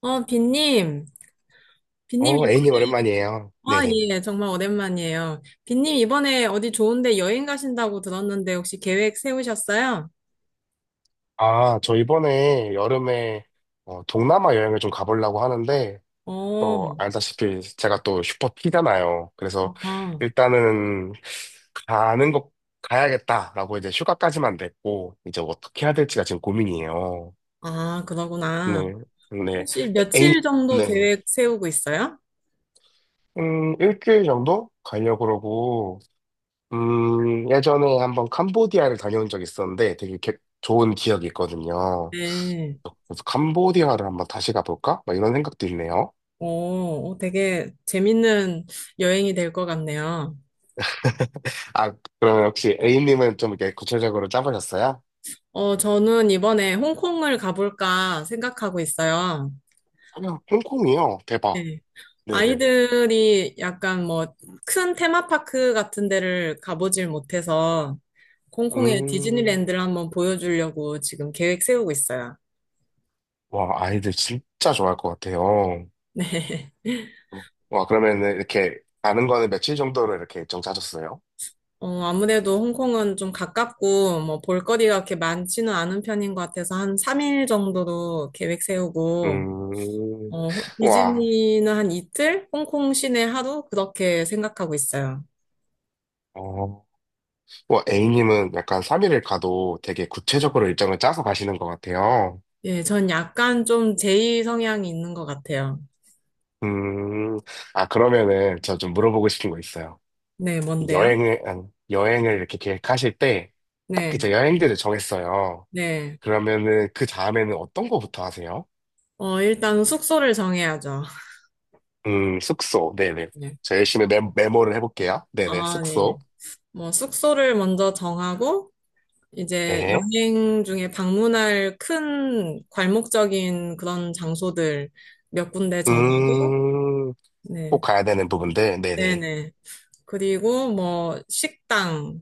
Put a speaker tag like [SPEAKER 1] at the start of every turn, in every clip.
[SPEAKER 1] 빈님, 빈님
[SPEAKER 2] 어, 애인
[SPEAKER 1] 이번에,
[SPEAKER 2] 님 오랜만이에요.
[SPEAKER 1] 아,
[SPEAKER 2] 네네.
[SPEAKER 1] 예, 정말 오랜만이에요. 빈님 이번에 어디 좋은데 여행 가신다고 들었는데 혹시 계획 세우셨어요?
[SPEAKER 2] 아, 저 이번에 여름에 어, 동남아 여행을 좀 가보려고 하는데,
[SPEAKER 1] 어,
[SPEAKER 2] 또 알다시피 제가 또 슈퍼피잖아요. 그래서
[SPEAKER 1] 아,
[SPEAKER 2] 일단은 가는 거 가야겠다라고 이제 휴가까지만 냈고, 이제 어떻게 해야 될지가 지금 고민이에요.
[SPEAKER 1] 아, 그러구나.
[SPEAKER 2] 네, 네.
[SPEAKER 1] 혹시
[SPEAKER 2] 인님
[SPEAKER 1] 며칠 정도
[SPEAKER 2] 네.
[SPEAKER 1] 계획 세우고 있어요?
[SPEAKER 2] 일주일 정도 가려고 그러고, 예전에 한번 캄보디아를 다녀온 적이 있었는데 되게 좋은 기억이 있거든요.
[SPEAKER 1] 네.
[SPEAKER 2] 캄보디아를 한번 다시 가볼까? 막 이런 생각도 있네요.
[SPEAKER 1] 오, 어, 되게 재밌는 여행이 될 것 같네요.
[SPEAKER 2] 아, 그러면 혹시 A님은 좀 이렇게 구체적으로 짜보셨어요?
[SPEAKER 1] 저는 이번에 홍콩을 가볼까 생각하고 있어요.
[SPEAKER 2] 그냥 홍콩이요. 대박.
[SPEAKER 1] 네.
[SPEAKER 2] 네네.
[SPEAKER 1] 아이들이 약간 뭐 큰 테마파크 같은 데를 가보질 못해서 홍콩의
[SPEAKER 2] 음,
[SPEAKER 1] 디즈니랜드를 한번 보여주려고 지금 계획 세우고 있어요.
[SPEAKER 2] 와, 아이들 진짜 좋아할 것 같아요.
[SPEAKER 1] 네.
[SPEAKER 2] 와, 그러면 이렇게 가는 거는 며칠 정도로 이렇게 일정 짜셨어요?
[SPEAKER 1] 아무래도 홍콩은 좀 가깝고 뭐 볼거리가 그렇게 많지는 않은 편인 것 같아서 한 3일 정도로 계획 세우고
[SPEAKER 2] 음, 와,
[SPEAKER 1] 디즈니는 한 이틀, 홍콩 시내 하루 그렇게 생각하고 있어요.
[SPEAKER 2] 어, 와, A님은 약간 3일을 가도 되게 구체적으로 일정을 짜서 가시는 것 같아요.
[SPEAKER 1] 예, 전 약간 좀 제이 성향이 있는 것 같아요.
[SPEAKER 2] 음, 아, 그러면은 저 좀 물어보고 싶은 거 있어요.
[SPEAKER 1] 네, 뭔데요?
[SPEAKER 2] 아니, 여행을 이렇게 계획하실 때, 딱
[SPEAKER 1] 네,
[SPEAKER 2] 이제 여행지를 정했어요.
[SPEAKER 1] 네.
[SPEAKER 2] 그러면은 그 다음에는 어떤 거부터 하세요?
[SPEAKER 1] 일단 숙소를 정해야죠.
[SPEAKER 2] 숙소. 네네.
[SPEAKER 1] 네.
[SPEAKER 2] 저 열심히 메모를 해볼게요. 네네.
[SPEAKER 1] 아, 네.
[SPEAKER 2] 숙소.
[SPEAKER 1] 뭐, 숙소를 먼저 정하고, 이제
[SPEAKER 2] 네.
[SPEAKER 1] 여행 중에 방문할 큰 괄목적인 그런 장소들 몇 군데 정하고,
[SPEAKER 2] 음, 꼭
[SPEAKER 1] 네.
[SPEAKER 2] 가야 되는 부분들. 네네.
[SPEAKER 1] 네네. 그리고 뭐, 식당,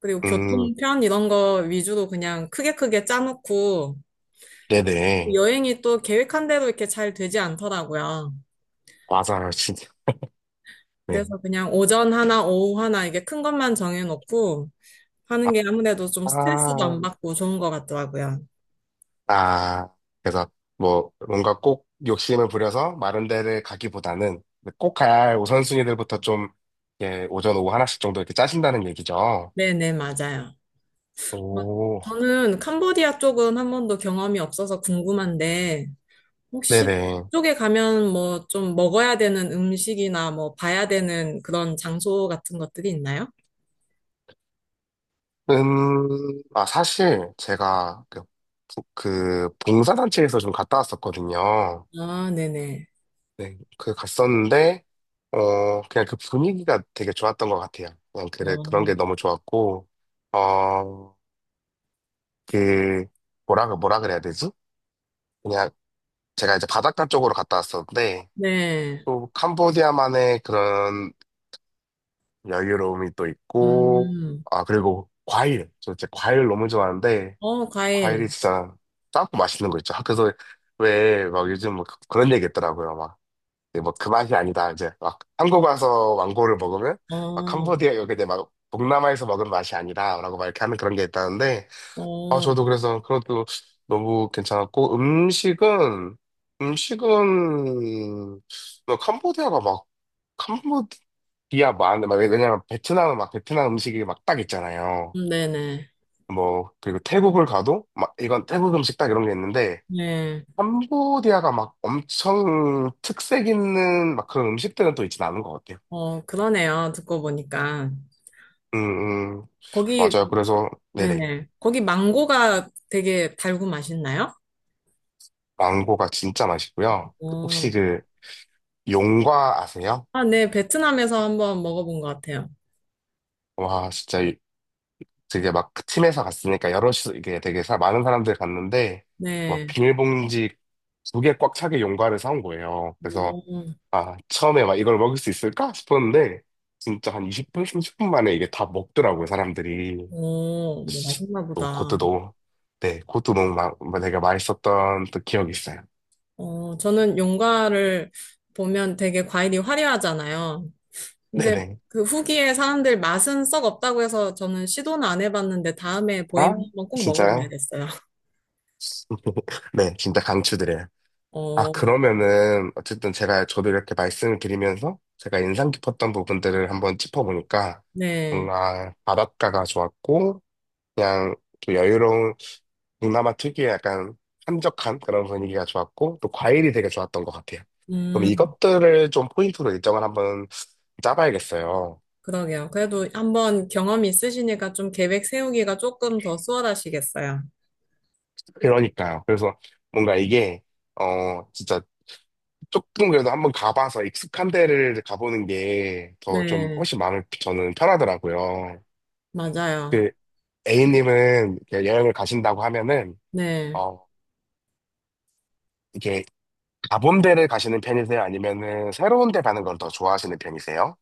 [SPEAKER 1] 그리고
[SPEAKER 2] 음,
[SPEAKER 1] 교통편 이런 거 위주로 그냥 크게 크게 짜놓고,
[SPEAKER 2] 네네.
[SPEAKER 1] 여행이 또 계획한 대로 이렇게 잘 되지 않더라고요.
[SPEAKER 2] 맞아요. 진짜. 네.
[SPEAKER 1] 그래서 그냥 오전 하나, 오후 하나, 이게 큰 것만 정해놓고, 하는 게 아무래도 좀 스트레스도
[SPEAKER 2] 아,
[SPEAKER 1] 안 받고 좋은 것 같더라고요.
[SPEAKER 2] 아, 그래서 뭐 뭔가 꼭 욕심을 부려서 마른 데를 가기보다는 꼭 가야 할 우선순위들부터 좀 예, 오전 오후 하나씩 정도 이렇게 짜신다는 얘기죠.
[SPEAKER 1] 네네, 맞아요. 막
[SPEAKER 2] 오,
[SPEAKER 1] 저는 캄보디아 쪽은 한 번도 경험이 없어서 궁금한데, 혹시
[SPEAKER 2] 네네.
[SPEAKER 1] 그쪽에 가면 뭐 좀 먹어야 되는 음식이나 뭐 봐야 되는 그런 장소 같은 것들이 있나요?
[SPEAKER 2] 아, 사실 제가 그, 그 봉사단체에서 좀 갔다 왔었거든요.
[SPEAKER 1] 아, 네네.
[SPEAKER 2] 네, 그 갔었는데, 어, 그냥 그 분위기가 되게 좋았던 것 같아요. 그냥 그래, 그런 게
[SPEAKER 1] 어,
[SPEAKER 2] 너무 좋았고, 어, 그, 뭐라 그래야 되지? 그냥 제가 이제 바닷가 쪽으로 갔다 왔었는데,
[SPEAKER 1] 네.
[SPEAKER 2] 또 캄보디아만의 그런 여유로움이 또 있고,
[SPEAKER 1] 음,
[SPEAKER 2] 아, 그리고 과일. 저 진짜 과일 너무 좋아하는데,
[SPEAKER 1] 어,
[SPEAKER 2] 과일이
[SPEAKER 1] 과일.
[SPEAKER 2] 진짜 짜고 맛있는 거 있죠. 아, 그래서 왜 막 요즘 뭐 그런 얘기 있더라고요. 막, 뭐 그 맛이 아니다. 이제 막 한국 와서 왕고를 먹으면, 막
[SPEAKER 1] 어,
[SPEAKER 2] 캄보디아, 여기 이제 막 동남아에서 먹은 맛이 아니다. 라고 막 이렇게 하는 그런 게 있다는데, 아,
[SPEAKER 1] 어,
[SPEAKER 2] 저도 그래서 그것도 너무 괜찮았고, 음식은, 뭐 캄보디아가 막, 캄보디아만, 막, 왜냐면 베트남은 막 베트남 음식이 막 딱 있잖아요.
[SPEAKER 1] 네네.
[SPEAKER 2] 뭐, 그리고 태국을 가도, 막, 이건 태국 음식 딱 이런 게 있는데,
[SPEAKER 1] 네.
[SPEAKER 2] 캄보디아가 막 엄청 특색 있는 막 그런 음식들은 또 있진 않은 것 같아요.
[SPEAKER 1] 어, 그러네요. 듣고 보니까.
[SPEAKER 2] 음, 음,
[SPEAKER 1] 거기
[SPEAKER 2] 맞아요. 그래서, 네네.
[SPEAKER 1] 네네. 거기 망고가 되게 달고 맛있나요?
[SPEAKER 2] 망고가 진짜 맛있고요. 혹시
[SPEAKER 1] 어.
[SPEAKER 2] 그, 용과 아세요?
[SPEAKER 1] 아, 네. 베트남에서 한번 먹어본 것 같아요.
[SPEAKER 2] 와, 진짜 되게 막 팀에서 갔으니까 여럿이 이게 되게 많은 사람들이 갔는데 막
[SPEAKER 1] 네.
[SPEAKER 2] 비닐봉지 두 개 꽉 차게 용과를 사온 거예요. 그래서
[SPEAKER 1] 오,
[SPEAKER 2] 아 처음에 막 이걸 먹을 수 있을까 싶었는데 진짜 한 20분, 30분 만에 이게 다 먹더라고요 사람들이.
[SPEAKER 1] 오, 뭐
[SPEAKER 2] 씨,
[SPEAKER 1] 맛있나
[SPEAKER 2] 또
[SPEAKER 1] 보다.
[SPEAKER 2] 그것도 너무 네 그것도 너무 막 되게 맛있었던 또 기억이 있어요.
[SPEAKER 1] 저는 용과를 보면 되게 과일이 화려하잖아요. 근데
[SPEAKER 2] 네네.
[SPEAKER 1] 그 후기에 사람들 맛은 썩 없다고 해서 저는 시도는 안 해봤는데 다음에 보이면
[SPEAKER 2] 아
[SPEAKER 1] 한번 꼭
[SPEAKER 2] 진짜요?
[SPEAKER 1] 먹어봐야겠어요.
[SPEAKER 2] 네 진짜 강추드려요. 아,
[SPEAKER 1] 어,
[SPEAKER 2] 그러면은, 어쨌든 저도 이렇게 말씀을 드리면서 제가 인상 깊었던 부분들을 한번 짚어보니까
[SPEAKER 1] 네.
[SPEAKER 2] 뭔가 바닷가가 좋았고, 그냥 또 여유로운 동남아 특유의 약간 한적한 그런 분위기가 좋았고, 또 과일이 되게 좋았던 것 같아요. 그럼
[SPEAKER 1] 음,
[SPEAKER 2] 이것들을 좀 포인트로 일정을 한번 짜봐야겠어요.
[SPEAKER 1] 그러게요. 그래도 한번 경험이 있으시니까 좀 계획 세우기가 조금 더 수월하시겠어요.
[SPEAKER 2] 그러니까요. 그래서 뭔가 이게, 어, 진짜 조금 그래도 한번 가봐서 익숙한 데를 가보는 게 더 좀
[SPEAKER 1] 네,
[SPEAKER 2] 훨씬 마음이 저는 편하더라고요.
[SPEAKER 1] 맞아요.
[SPEAKER 2] 그 A님은 이렇게 여행을 가신다고 하면은,
[SPEAKER 1] 네.
[SPEAKER 2] 어, 이게 가본 데를 가시는 편이세요? 아니면은 새로운 데 가는 걸 더 좋아하시는 편이세요?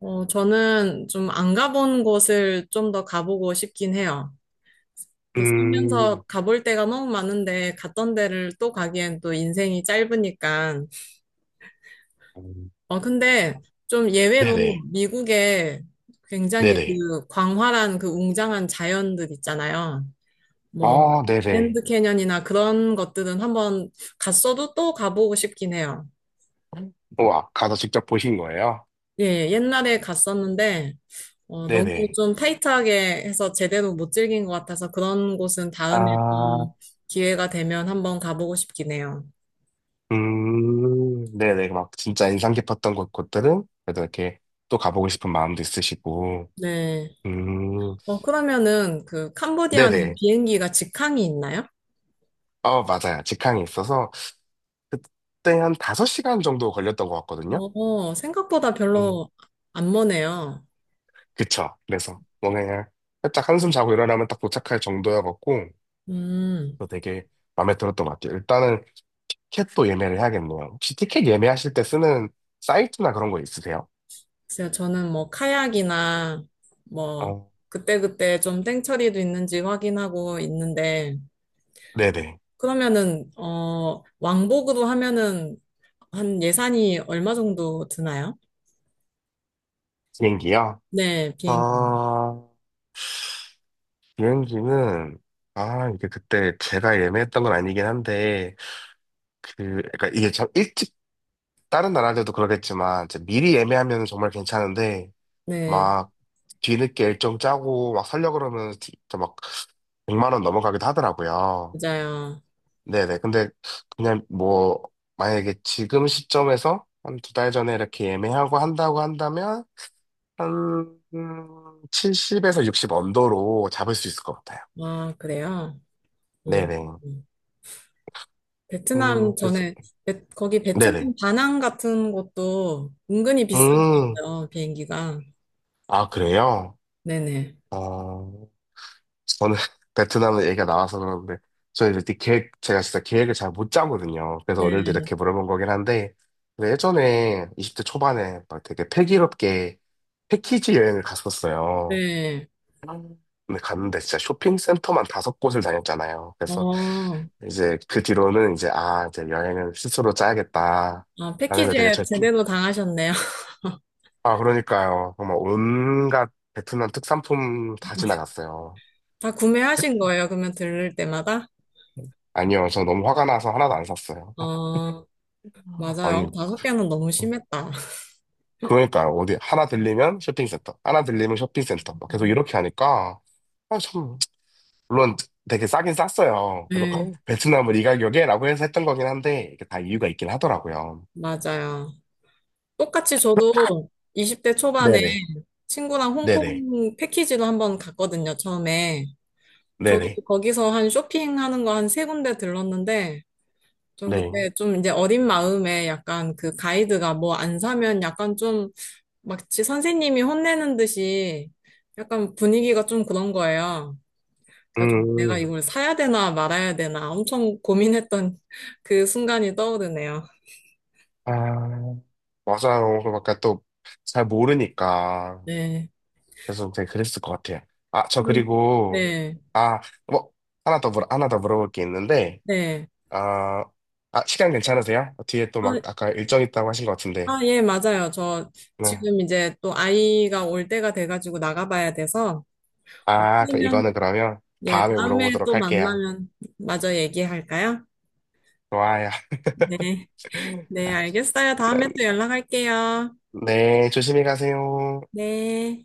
[SPEAKER 1] 저는 좀 안 가본 곳을 좀 더 가보고 싶긴 해요. 이게 살면서
[SPEAKER 2] 음,
[SPEAKER 1] 가볼 데가 너무 많은데 갔던 데를 또 가기엔 또 인생이 짧으니까.
[SPEAKER 2] 음,
[SPEAKER 1] 근데 좀 예외로
[SPEAKER 2] 네네,
[SPEAKER 1] 미국에 굉장히
[SPEAKER 2] 네네.
[SPEAKER 1] 그 광활한 그 웅장한 자연들 있잖아요. 뭐,
[SPEAKER 2] 어, 네네.
[SPEAKER 1] 그랜드 캐년이나 그런 것들은 한번 갔어도 또 가보고 싶긴 해요.
[SPEAKER 2] 우와, 가서 직접 보신 거예요?
[SPEAKER 1] 예, 옛날에 갔었는데, 어, 네. 너무
[SPEAKER 2] 네네.
[SPEAKER 1] 좀 타이트하게 해서 제대로 못 즐긴 것 같아서 그런 곳은 다음에 또
[SPEAKER 2] 아,
[SPEAKER 1] 기회가 되면 한번 가보고 싶긴 해요.
[SPEAKER 2] 네네. 막 진짜 인상 깊었던 곳들은 그래도 이렇게 또 가보고 싶은 마음도 있으시고,
[SPEAKER 1] 네.
[SPEAKER 2] 음,
[SPEAKER 1] 그러면은 그
[SPEAKER 2] 네네.
[SPEAKER 1] 캄보디아는 비행기가 직항이 있나요?
[SPEAKER 2] 어, 맞아요. 직항이 있어서 그때 한 5시간 정도 걸렸던 것 같거든요.
[SPEAKER 1] 생각보다
[SPEAKER 2] 음,
[SPEAKER 1] 별로 안 머네요.
[SPEAKER 2] 그쵸. 그래서 뭔가 그냥 살짝 한숨 자고 일어나면 딱 도착할 정도여갖고
[SPEAKER 1] 음,
[SPEAKER 2] 또 되게 마음에 들었던 것 같아요. 일단은 티켓도 예매를 해야겠네요. 혹시 티켓 예매하실 때 쓰는 사이트나 그런 거 있으세요?
[SPEAKER 1] 글쎄요, 저는 뭐 카약이나 뭐
[SPEAKER 2] 어,
[SPEAKER 1] 그때그때 좀 땡처리도 있는지 확인하고 있는데,
[SPEAKER 2] 네네.
[SPEAKER 1] 그러면은, 왕복으로 하면은 한 예산이 얼마 정도 드나요?
[SPEAKER 2] 비행기요?
[SPEAKER 1] 네, 비행기.
[SPEAKER 2] 아, 비행기는, 아, 이게 그때 제가 예매했던 건 아니긴 한데, 그, 그러니까 이게 참 일찍, 다른 나라들도 그러겠지만, 이제 미리 예매하면 정말 괜찮은데,
[SPEAKER 1] 네,
[SPEAKER 2] 막 뒤늦게 일정 짜고 막 살려 고 그러면 진짜 막 100만 원 넘어가기도 하더라고요.
[SPEAKER 1] 맞아요.
[SPEAKER 2] 네네. 근데 그냥 뭐 만약에 지금 시점에서 한 두 달 전에 이렇게 예매하고 한다고 한다면 한 70에서 60 언더로 잡을 수 있을 것 같아요.
[SPEAKER 1] 아, 그래요? 음,
[SPEAKER 2] 네네.
[SPEAKER 1] 음. 베트남,
[SPEAKER 2] 그래서
[SPEAKER 1] 저는, 거기 베트남
[SPEAKER 2] 네네.
[SPEAKER 1] 다낭 같은 곳도 은근히
[SPEAKER 2] 음,
[SPEAKER 1] 비싸거든요, 비행기가.
[SPEAKER 2] 아 그래요?
[SPEAKER 1] 네네.
[SPEAKER 2] 어, 저는 베트남은 얘기가 나와서 그러는데 저는 이제 계획 제가 진짜 계획을 잘 못 짜거든요. 그래서 오늘도
[SPEAKER 1] 네,
[SPEAKER 2] 이렇게 물어본 거긴 한데 근데 예전에 20대 초반에 막 되게 패기롭게 패키지 여행을 갔었어요.
[SPEAKER 1] 네.
[SPEAKER 2] 음. 근데 갔는데 진짜 쇼핑센터만 다섯 곳을 다녔잖아요. 그래서
[SPEAKER 1] 어,
[SPEAKER 2] 이제 그 뒤로는 이제 아 이제 여행을 스스로 짜야겠다
[SPEAKER 1] 아,
[SPEAKER 2] 라는 걸 되게
[SPEAKER 1] 패키지에
[SPEAKER 2] 절...
[SPEAKER 1] 제대로 당하셨네요.
[SPEAKER 2] 아 그러니까요. 정말 온갖 베트남 특산품 다 지나갔어요.
[SPEAKER 1] 다 구매하신 거예요, 그러면 들를 때마다?
[SPEAKER 2] 아니요, 저 너무 화가 나서 하나도 안 샀어요.
[SPEAKER 1] 어,
[SPEAKER 2] 아니,
[SPEAKER 1] 맞아요. 다섯 개는 너무 심했다.
[SPEAKER 2] 그러니까요. 어디, 하나 들리면 쇼핑센터, 하나 들리면 쇼핑센터. 막 계속 이렇게 하니까, 아, 참, 물론 되게 싸긴 쌌어요. 그래서, 어,
[SPEAKER 1] 네,
[SPEAKER 2] 베트남을 이 가격에? 라고 해서 했던 거긴 한데, 이게 다 이유가 있긴 하더라고요.
[SPEAKER 1] 맞아요. 똑같이 저도 20대 초반에
[SPEAKER 2] 네네,
[SPEAKER 1] 친구랑
[SPEAKER 2] 네네,
[SPEAKER 1] 홍콩 패키지로 한번 갔거든요, 처음에. 저도
[SPEAKER 2] 네네,
[SPEAKER 1] 거기서 한 쇼핑하는 거 한 세 군데 들렀는데, 좀
[SPEAKER 2] 네.
[SPEAKER 1] 그때 좀 이제 어린 마음에 약간 그 가이드가 뭐 안 사면 약간 좀 마치 선생님이 혼내는 듯이 약간 분위기가 좀 그런 거예요. 그래서 좀 내가
[SPEAKER 2] 음,
[SPEAKER 1] 이걸 사야 되나 말아야 되나 엄청 고민했던 그 순간이 떠오르네요.
[SPEAKER 2] 아, 맞아요. 그러니까 또잘 모르니까.
[SPEAKER 1] 네.
[SPEAKER 2] 그래서 되게 그랬을 것 같아요. 아, 저
[SPEAKER 1] 그런-
[SPEAKER 2] 그리고,
[SPEAKER 1] 네.
[SPEAKER 2] 아, 뭐, 하나 더 물어볼 게 있는데,
[SPEAKER 1] 네.
[SPEAKER 2] 아, 아, 시간 괜찮으세요? 뒤에 또
[SPEAKER 1] 아,
[SPEAKER 2] 막 아까 일정 있다고 하신 것 같은데.
[SPEAKER 1] 아, 예, 맞아요. 저
[SPEAKER 2] 네.
[SPEAKER 1] 지금 이제 또 아이가 올 때가 돼가지고 나가봐야 돼서,
[SPEAKER 2] 아, 그 이거는
[SPEAKER 1] 그러면,
[SPEAKER 2] 그러면
[SPEAKER 1] 예,
[SPEAKER 2] 다음에
[SPEAKER 1] 다음에
[SPEAKER 2] 물어보도록
[SPEAKER 1] 또
[SPEAKER 2] 할게요.
[SPEAKER 1] 만나면 마저 얘기할까요?
[SPEAKER 2] 좋아요.
[SPEAKER 1] 네, 네,
[SPEAKER 2] 아,
[SPEAKER 1] 알겠어요.
[SPEAKER 2] 네,
[SPEAKER 1] 다음에 또 연락할게요.
[SPEAKER 2] 네, 조심히 가세요.
[SPEAKER 1] 네.